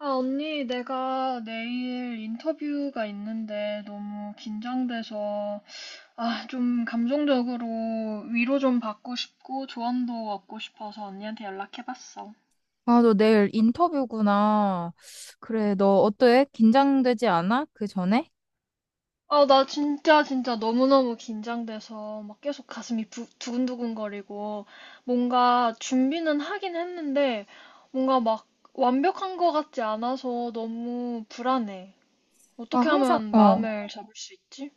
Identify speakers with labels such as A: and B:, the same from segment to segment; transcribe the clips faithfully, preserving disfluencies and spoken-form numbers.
A: 아, 언니, 내가 내일 인터뷰가 있는데 너무 긴장돼서, 아, 좀 감정적으로 위로 좀 받고 싶고 조언도 얻고 싶어서 언니한테 연락해봤어.
B: 아, 너 내일 인터뷰구나. 그래, 너 어때? 긴장되지 않아? 그 전에?
A: 아, 나 진짜 진짜 너무너무 긴장돼서 막 계속 가슴이 부- 두근두근거리고 뭔가 준비는 하긴 했는데 뭔가 막 완벽한 것 같지 않아서 너무 불안해.
B: 아,
A: 어떻게
B: 항상,
A: 하면
B: 어.
A: 마음을 잡을 수 있지?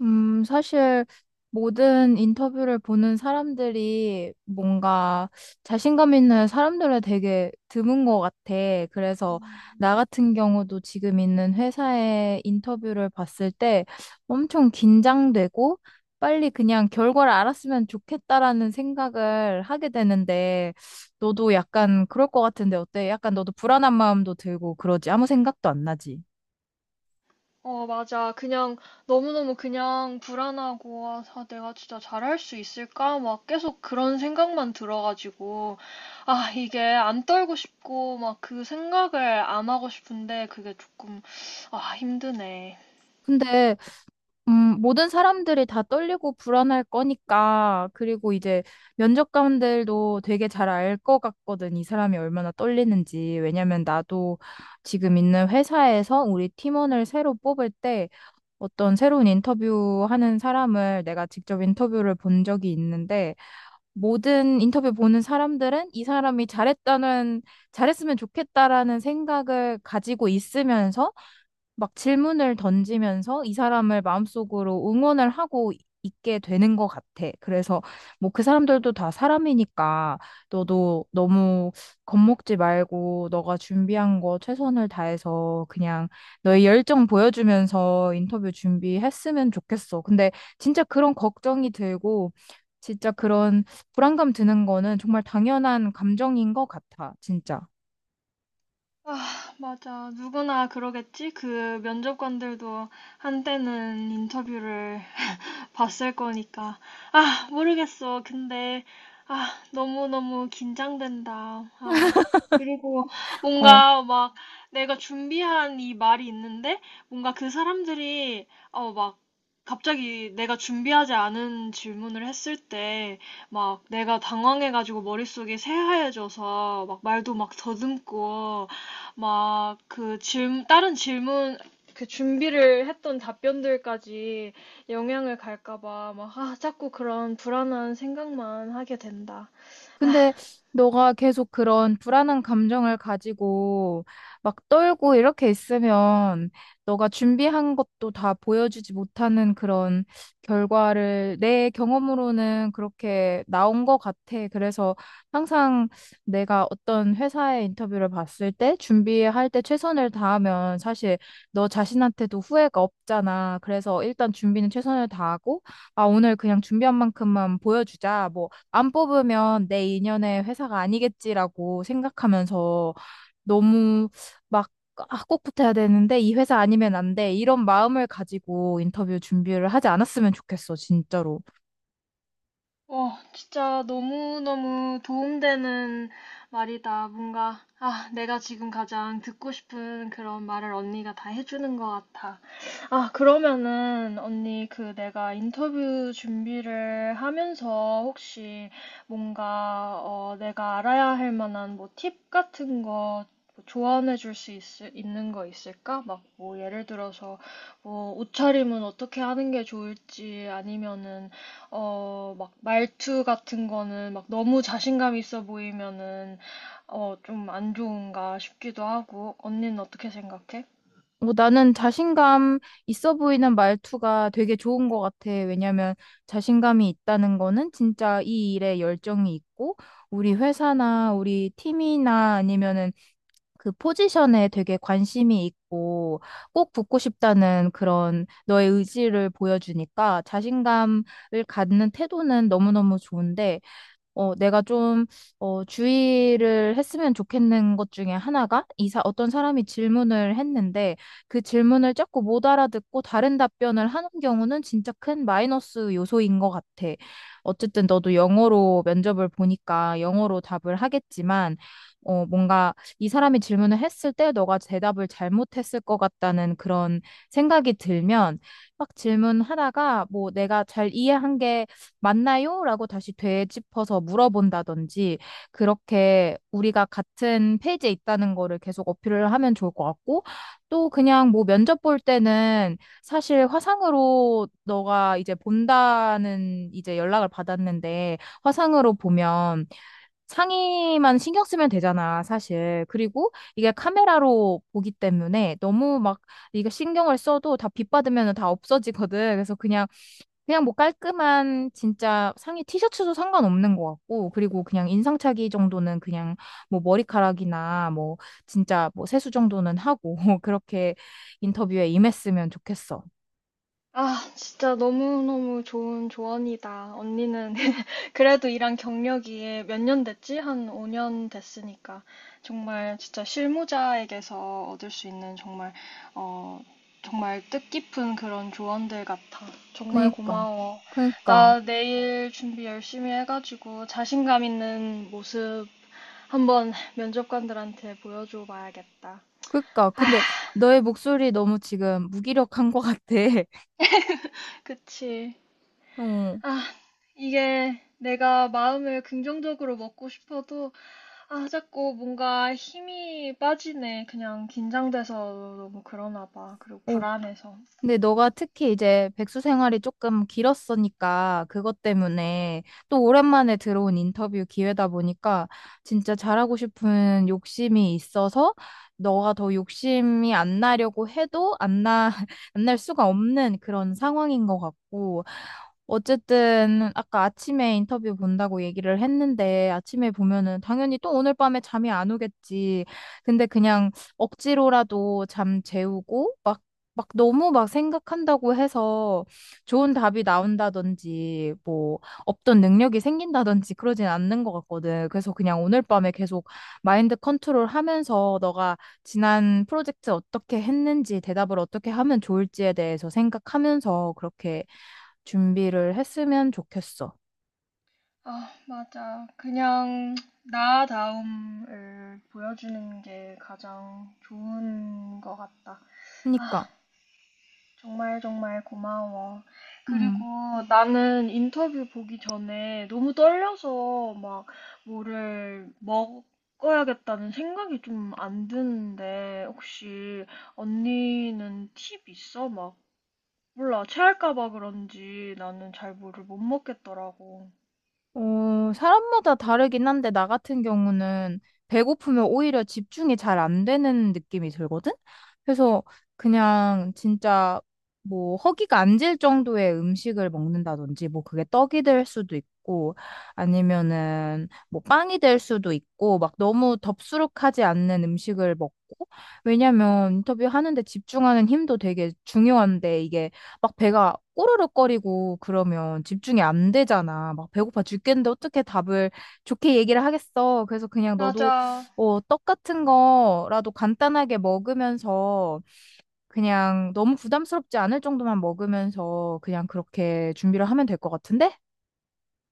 B: 음, 사실 모든 인터뷰를 보는 사람들이 뭔가 자신감 있는 사람들은 되게 드문 것 같아. 그래서
A: 음.
B: 나 같은 경우도 지금 있는 회사의 인터뷰를 봤을 때 엄청 긴장되고 빨리 그냥 결과를 알았으면 좋겠다라는 생각을 하게 되는데 너도 약간 그럴 것 같은데 어때? 약간 너도 불안한 마음도 들고 그러지? 아무 생각도 안 나지?
A: 어, 맞아. 그냥, 너무너무 그냥 불안하고, 아, 아, 내가 진짜 잘할 수 있을까? 막 계속 그런 생각만 들어가지고, 아, 이게 안 떨고 싶고, 막 그 생각을 안 하고 싶은데, 그게 조금, 아, 힘드네.
B: 근데 음, 모든 사람들이 다 떨리고 불안할 거니까, 그리고 이제 면접관들도 되게 잘 알 것 같거든, 이 사람이 얼마나 떨리는지. 왜냐면 나도 지금 있는 회사에서 우리 팀원을 새로 뽑을 때 어떤 새로운 인터뷰 하는 사람을 내가 직접 인터뷰를 본 적이 있는데, 모든 인터뷰 보는 사람들은 이 사람이 잘했다는, 잘했으면 좋겠다라는 생각을 가지고 있으면서 막 질문을 던지면서 이 사람을 마음속으로 응원을 하고 있게 되는 것 같아. 그래서 뭐 그 사람들도 다 사람이니까 너도 너무 겁먹지 말고 너가 준비한 거 최선을 다해서 그냥 너의 열정 보여주면서 인터뷰 준비했으면 좋겠어. 근데 진짜 그런 걱정이 들고 진짜 그런 불안감 드는 거는 정말 당연한 감정인 것 같아. 진짜.
A: 맞아. 누구나 그러겠지? 그 면접관들도 한때는 인터뷰를 봤을 거니까. 아, 모르겠어. 근데, 아, 너무너무 긴장된다. 아, 그리고
B: 어
A: 뭔가 막 내가 준비한 이 말이 있는데, 뭔가 그 사람들이, 어, 막 갑자기 내가 준비하지 않은 질문을 했을 때, 막 내가 당황해가지고 머릿속이 새하얘져서 막 말도 막 더듬고 막 그 질, 다른 질문 그 준비를 했던 답변들까지 영향을 갈까 봐 막 아, 자꾸 그런 불안한 생각만 하게 된다. 아,
B: 근데 너가 계속 그런 불안한 감정을 가지고 막 떨고 이렇게 있으면 너가 준비한 것도 다 보여주지 못하는 그런 결과를 내 경험으로는 그렇게 나온 것 같아. 그래서 항상 내가 어떤 회사의 인터뷰를 봤을 때 준비할 때 최선을 다하면 사실 너 자신한테도 후회가 없잖아. 그래서 일단 준비는 최선을 다하고 아, 오늘 그냥 준비한 만큼만 보여주자. 뭐 안 뽑으면 내 인연의 회사가 아니겠지라고 생각하면서 너무 막, 아, 꼭 붙어야 되는데 이 회사 아니면 안 돼. 이런 마음을 가지고 인터뷰 준비를 하지 않았으면 좋겠어, 진짜로.
A: 어, 진짜 너무너무 도움되는 말이다. 뭔가 아, 내가 지금 가장 듣고 싶은 그런 말을 언니가 다 해주는 것 같아. 아, 그러면은 언니 그 내가 인터뷰 준비를 하면서 혹시 뭔가 어 내가 알아야 할 만한 뭐 팁 같은 거뭐 조언해 줄 수 있는 거 있을까? 막 뭐 예를 들어서 뭐 옷차림은 어떻게 하는 게 좋을지 아니면은 어 막 말투 같은 거는 막 너무 자신감 있어 보이면은 어 좀 안 좋은가 싶기도 하고 언니는 어떻게 생각해?
B: 어, 나는 자신감 있어 보이는 말투가 되게 좋은 것 같아. 왜냐면 자신감이 있다는 거는 진짜 이 일에 열정이 있고 우리 회사나 우리 팀이나 아니면은 그 포지션에 되게 관심이 있고 꼭 붙고 싶다는 그런 너의 의지를 보여주니까 자신감을 갖는 태도는 너무너무 좋은데 어, 내가 좀, 어, 주의를 했으면 좋겠는 것 중에 하나가, 이사, 어떤 사람이 질문을 했는데, 그 질문을 자꾸 못 알아듣고 다른 답변을 하는 경우는 진짜 큰 마이너스 요소인 것 같아. 어쨌든 너도 영어로 면접을 보니까 영어로 답을 하겠지만, 어, 뭔가 이 사람이 질문을 했을 때 너가 대답을 잘못했을 것 같다는 그런 생각이 들면, 막 질문하다가 뭐 내가 잘 이해한 게 맞나요? 라고 다시 되짚어서 물어본다든지, 그렇게 우리가 같은 페이지에 있다는 거를 계속 어필을 하면 좋을 것 같고, 또 그냥 뭐 면접 볼 때는 사실 화상으로 너가 이제 본다는 이제 연락을 받았는데, 화상으로 보면 상의만 신경 쓰면 되잖아, 사실. 그리고 이게 카메라로 보기 때문에 너무 막 이거 신경을 써도 다 빗받으면 다 없어지거든. 그래서 그냥 그냥 뭐 깔끔한 진짜 상의 티셔츠도 상관없는 것 같고, 그리고 그냥 인상착의 정도는 그냥 뭐 머리카락이나 뭐 진짜 뭐 세수 정도는 하고, 그렇게 인터뷰에 임했으면 좋겠어.
A: 아, 진짜 너무너무 좋은 조언이다. 언니는 그래도 일한 경력이 몇 년 됐지? 한 오 년 됐으니까. 정말 진짜 실무자에게서 얻을 수 있는 정말, 어, 정말 뜻깊은 그런 조언들 같아. 정말
B: 그니까,
A: 고마워.
B: 그니까,
A: 나 내일 준비 열심히 해가지고 자신감 있는 모습 한번 면접관들한테 보여줘 봐야겠다.
B: 그니까. 근데 너의 목소리 너무 지금 무기력한 것 같아.
A: 그치?
B: 어,
A: 이게 내가 마음을 긍정적으로 먹고 싶어도 아, 자꾸 뭔가 힘이 빠지네. 그냥 긴장돼서 너무 그러나 봐. 그리고
B: 어,
A: 불안해서.
B: 근데 너가 특히 이제 백수 생활이 조금 길었으니까 그것 때문에 또 오랜만에 들어온 인터뷰 기회다 보니까 진짜 잘하고 싶은 욕심이 있어서 너가 더 욕심이 안 나려고 해도 안 나, 안 날 수가 없는 그런 상황인 것 같고 어쨌든 아까 아침에 인터뷰 본다고 얘기를 했는데 아침에 보면은 당연히 또 오늘 밤에 잠이 안 오겠지. 근데 그냥 억지로라도 잠 재우고 막 막 너무 막 생각한다고 해서 좋은 답이 나온다든지 뭐 없던 능력이 생긴다든지 그러진 않는 것 같거든. 그래서 그냥 오늘 밤에 계속 마인드 컨트롤 하면서 너가 지난 프로젝트 어떻게 했는지 대답을 어떻게 하면 좋을지에 대해서 생각하면서 그렇게 준비를 했으면 좋겠어.
A: 아, 맞아. 그냥 나다움을 보여주는 게 가장 좋은 것 같다.
B: 그러니까.
A: 아, 정말 정말 고마워. 그리고
B: 음.
A: 나는 인터뷰 보기 전에 너무 떨려서 막 뭐를 먹어야겠다는 생각이 좀 안 드는데 혹시 언니는 팁 있어? 막 몰라 체할까 봐 그런지 나는 잘 뭐를 못 먹겠더라고.
B: 어, 사람마다 다르긴 한데, 나 같은 경우는 배고프면 오히려 집중이 잘 안 되는 느낌이 들거든? 그래서 그냥 진짜 뭐 허기가 안 질 정도의 음식을 먹는다든지, 뭐 그게 떡이 될 수도 있고, 아니면은 뭐 빵이 될 수도 있고, 막 너무 덥수룩하지 않는 음식을 먹고, 왜냐면 인터뷰하는데 집중하는 힘도 되게 중요한데, 이게 막 배가 꼬르륵거리고 그러면 집중이 안 되잖아. 막 배고파 죽겠는데 어떻게 답을 좋게 얘기를 하겠어. 그래서 그냥 너도
A: 맞아.
B: 어, 떡 같은 거라도 간단하게 먹으면서 그냥 너무 부담스럽지 않을 정도만 먹으면서 그냥 그렇게 준비를 하면 될 것 같은데?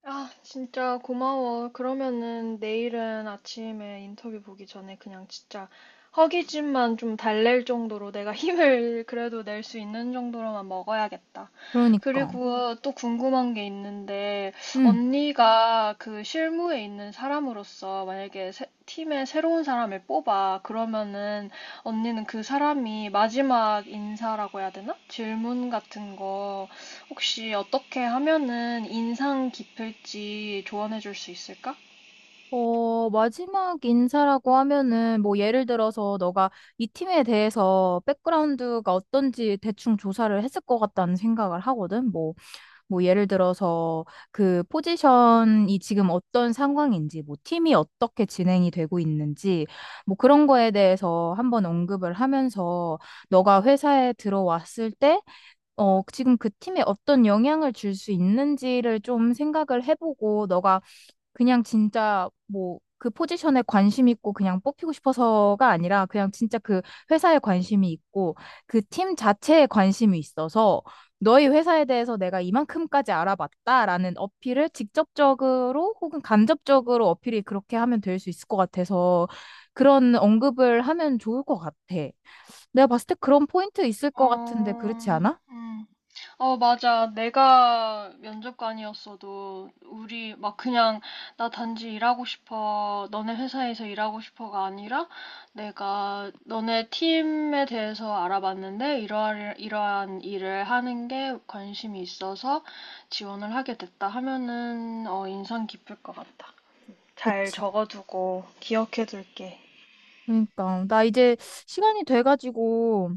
A: 아, 진짜 고마워. 그러면은 내일은 아침에 인터뷰 보기 전에 그냥 진짜 허기짐만 좀 달랠 정도로 내가 힘을 그래도 낼 수 있는 정도로만 먹어야겠다. 음,
B: 그러니까.
A: 그리고 또 궁금한 게 있는데,
B: 응.
A: 언니가 그 실무에 있는 사람으로서 만약에 새- 팀에 새로운 사람을 뽑아. 그러면은 언니는 그 사람이 마지막 인사라고 해야 되나? 질문 같은 거. 혹시 어떻게 하면은 인상 깊을지 조언해 줄 수 있을까?
B: 어, 마지막 인사라고 하면은 뭐 예를 들어서 너가 이 팀에 대해서 백그라운드가 어떤지 대충 조사를 했을 것 같다는 생각을 하거든. 뭐 뭐 예를 들어서 그 포지션이 지금 어떤 상황인지, 뭐 팀이 어떻게 진행이 되고 있는지, 뭐 그런 거에 대해서 한번 언급을 하면서 너가 회사에 들어왔을 때, 어, 지금 그 팀에 어떤 영향을 줄 수 있는지를 좀 생각을 해보고 너가 그냥 진짜 뭐 그 포지션에 관심 있고 그냥 뽑히고 싶어서가 아니라 그냥 진짜 그 회사에 관심이 있고 그 팀 자체에 관심이 있어서 너희 회사에 대해서 내가 이만큼까지 알아봤다라는 어필을 직접적으로 혹은 간접적으로 어필이 그렇게 하면 될 수 있을 것 같아서 그런 언급을 하면 좋을 것 같아. 내가 봤을 때 그런 포인트 있을 것 같은데
A: 어,
B: 그렇지 않아?
A: 음. 어, 맞아. 내가 면접관이었어도 우리 막 그냥 나 단지 일하고 싶어. 너네 회사에서 일하고 싶어가 아니라 내가 너네 팀에 대해서 알아봤는데 이러한, 이러한 일을 하는 게 관심이 있어서 지원을 하게 됐다 하면은 어, 인상 깊을 것 같다. 잘
B: 그치.
A: 적어두고 기억해둘게.
B: 그러니까 나 이제 시간이 돼가지고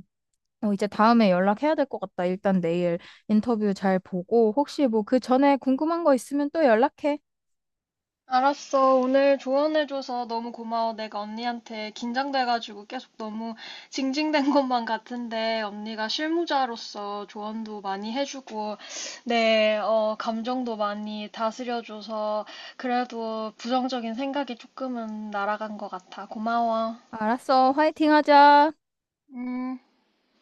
B: 어, 이제 다음에 연락해야 될 것 같다. 일단 내일 인터뷰 잘 보고, 혹시 뭐 그 전에 궁금한 거 있으면 또 연락해.
A: 알았어. 오늘 조언해줘서 너무 고마워. 내가 언니한테 긴장돼가지고 계속 너무 징징댄 것만 같은데 언니가 실무자로서 조언도 많이 해주고 내 어, 감정도 많이 다스려줘서 그래도 부정적인 생각이 조금은 날아간 것 같아. 고마워.
B: 알았어. 화이팅 하자.
A: 음.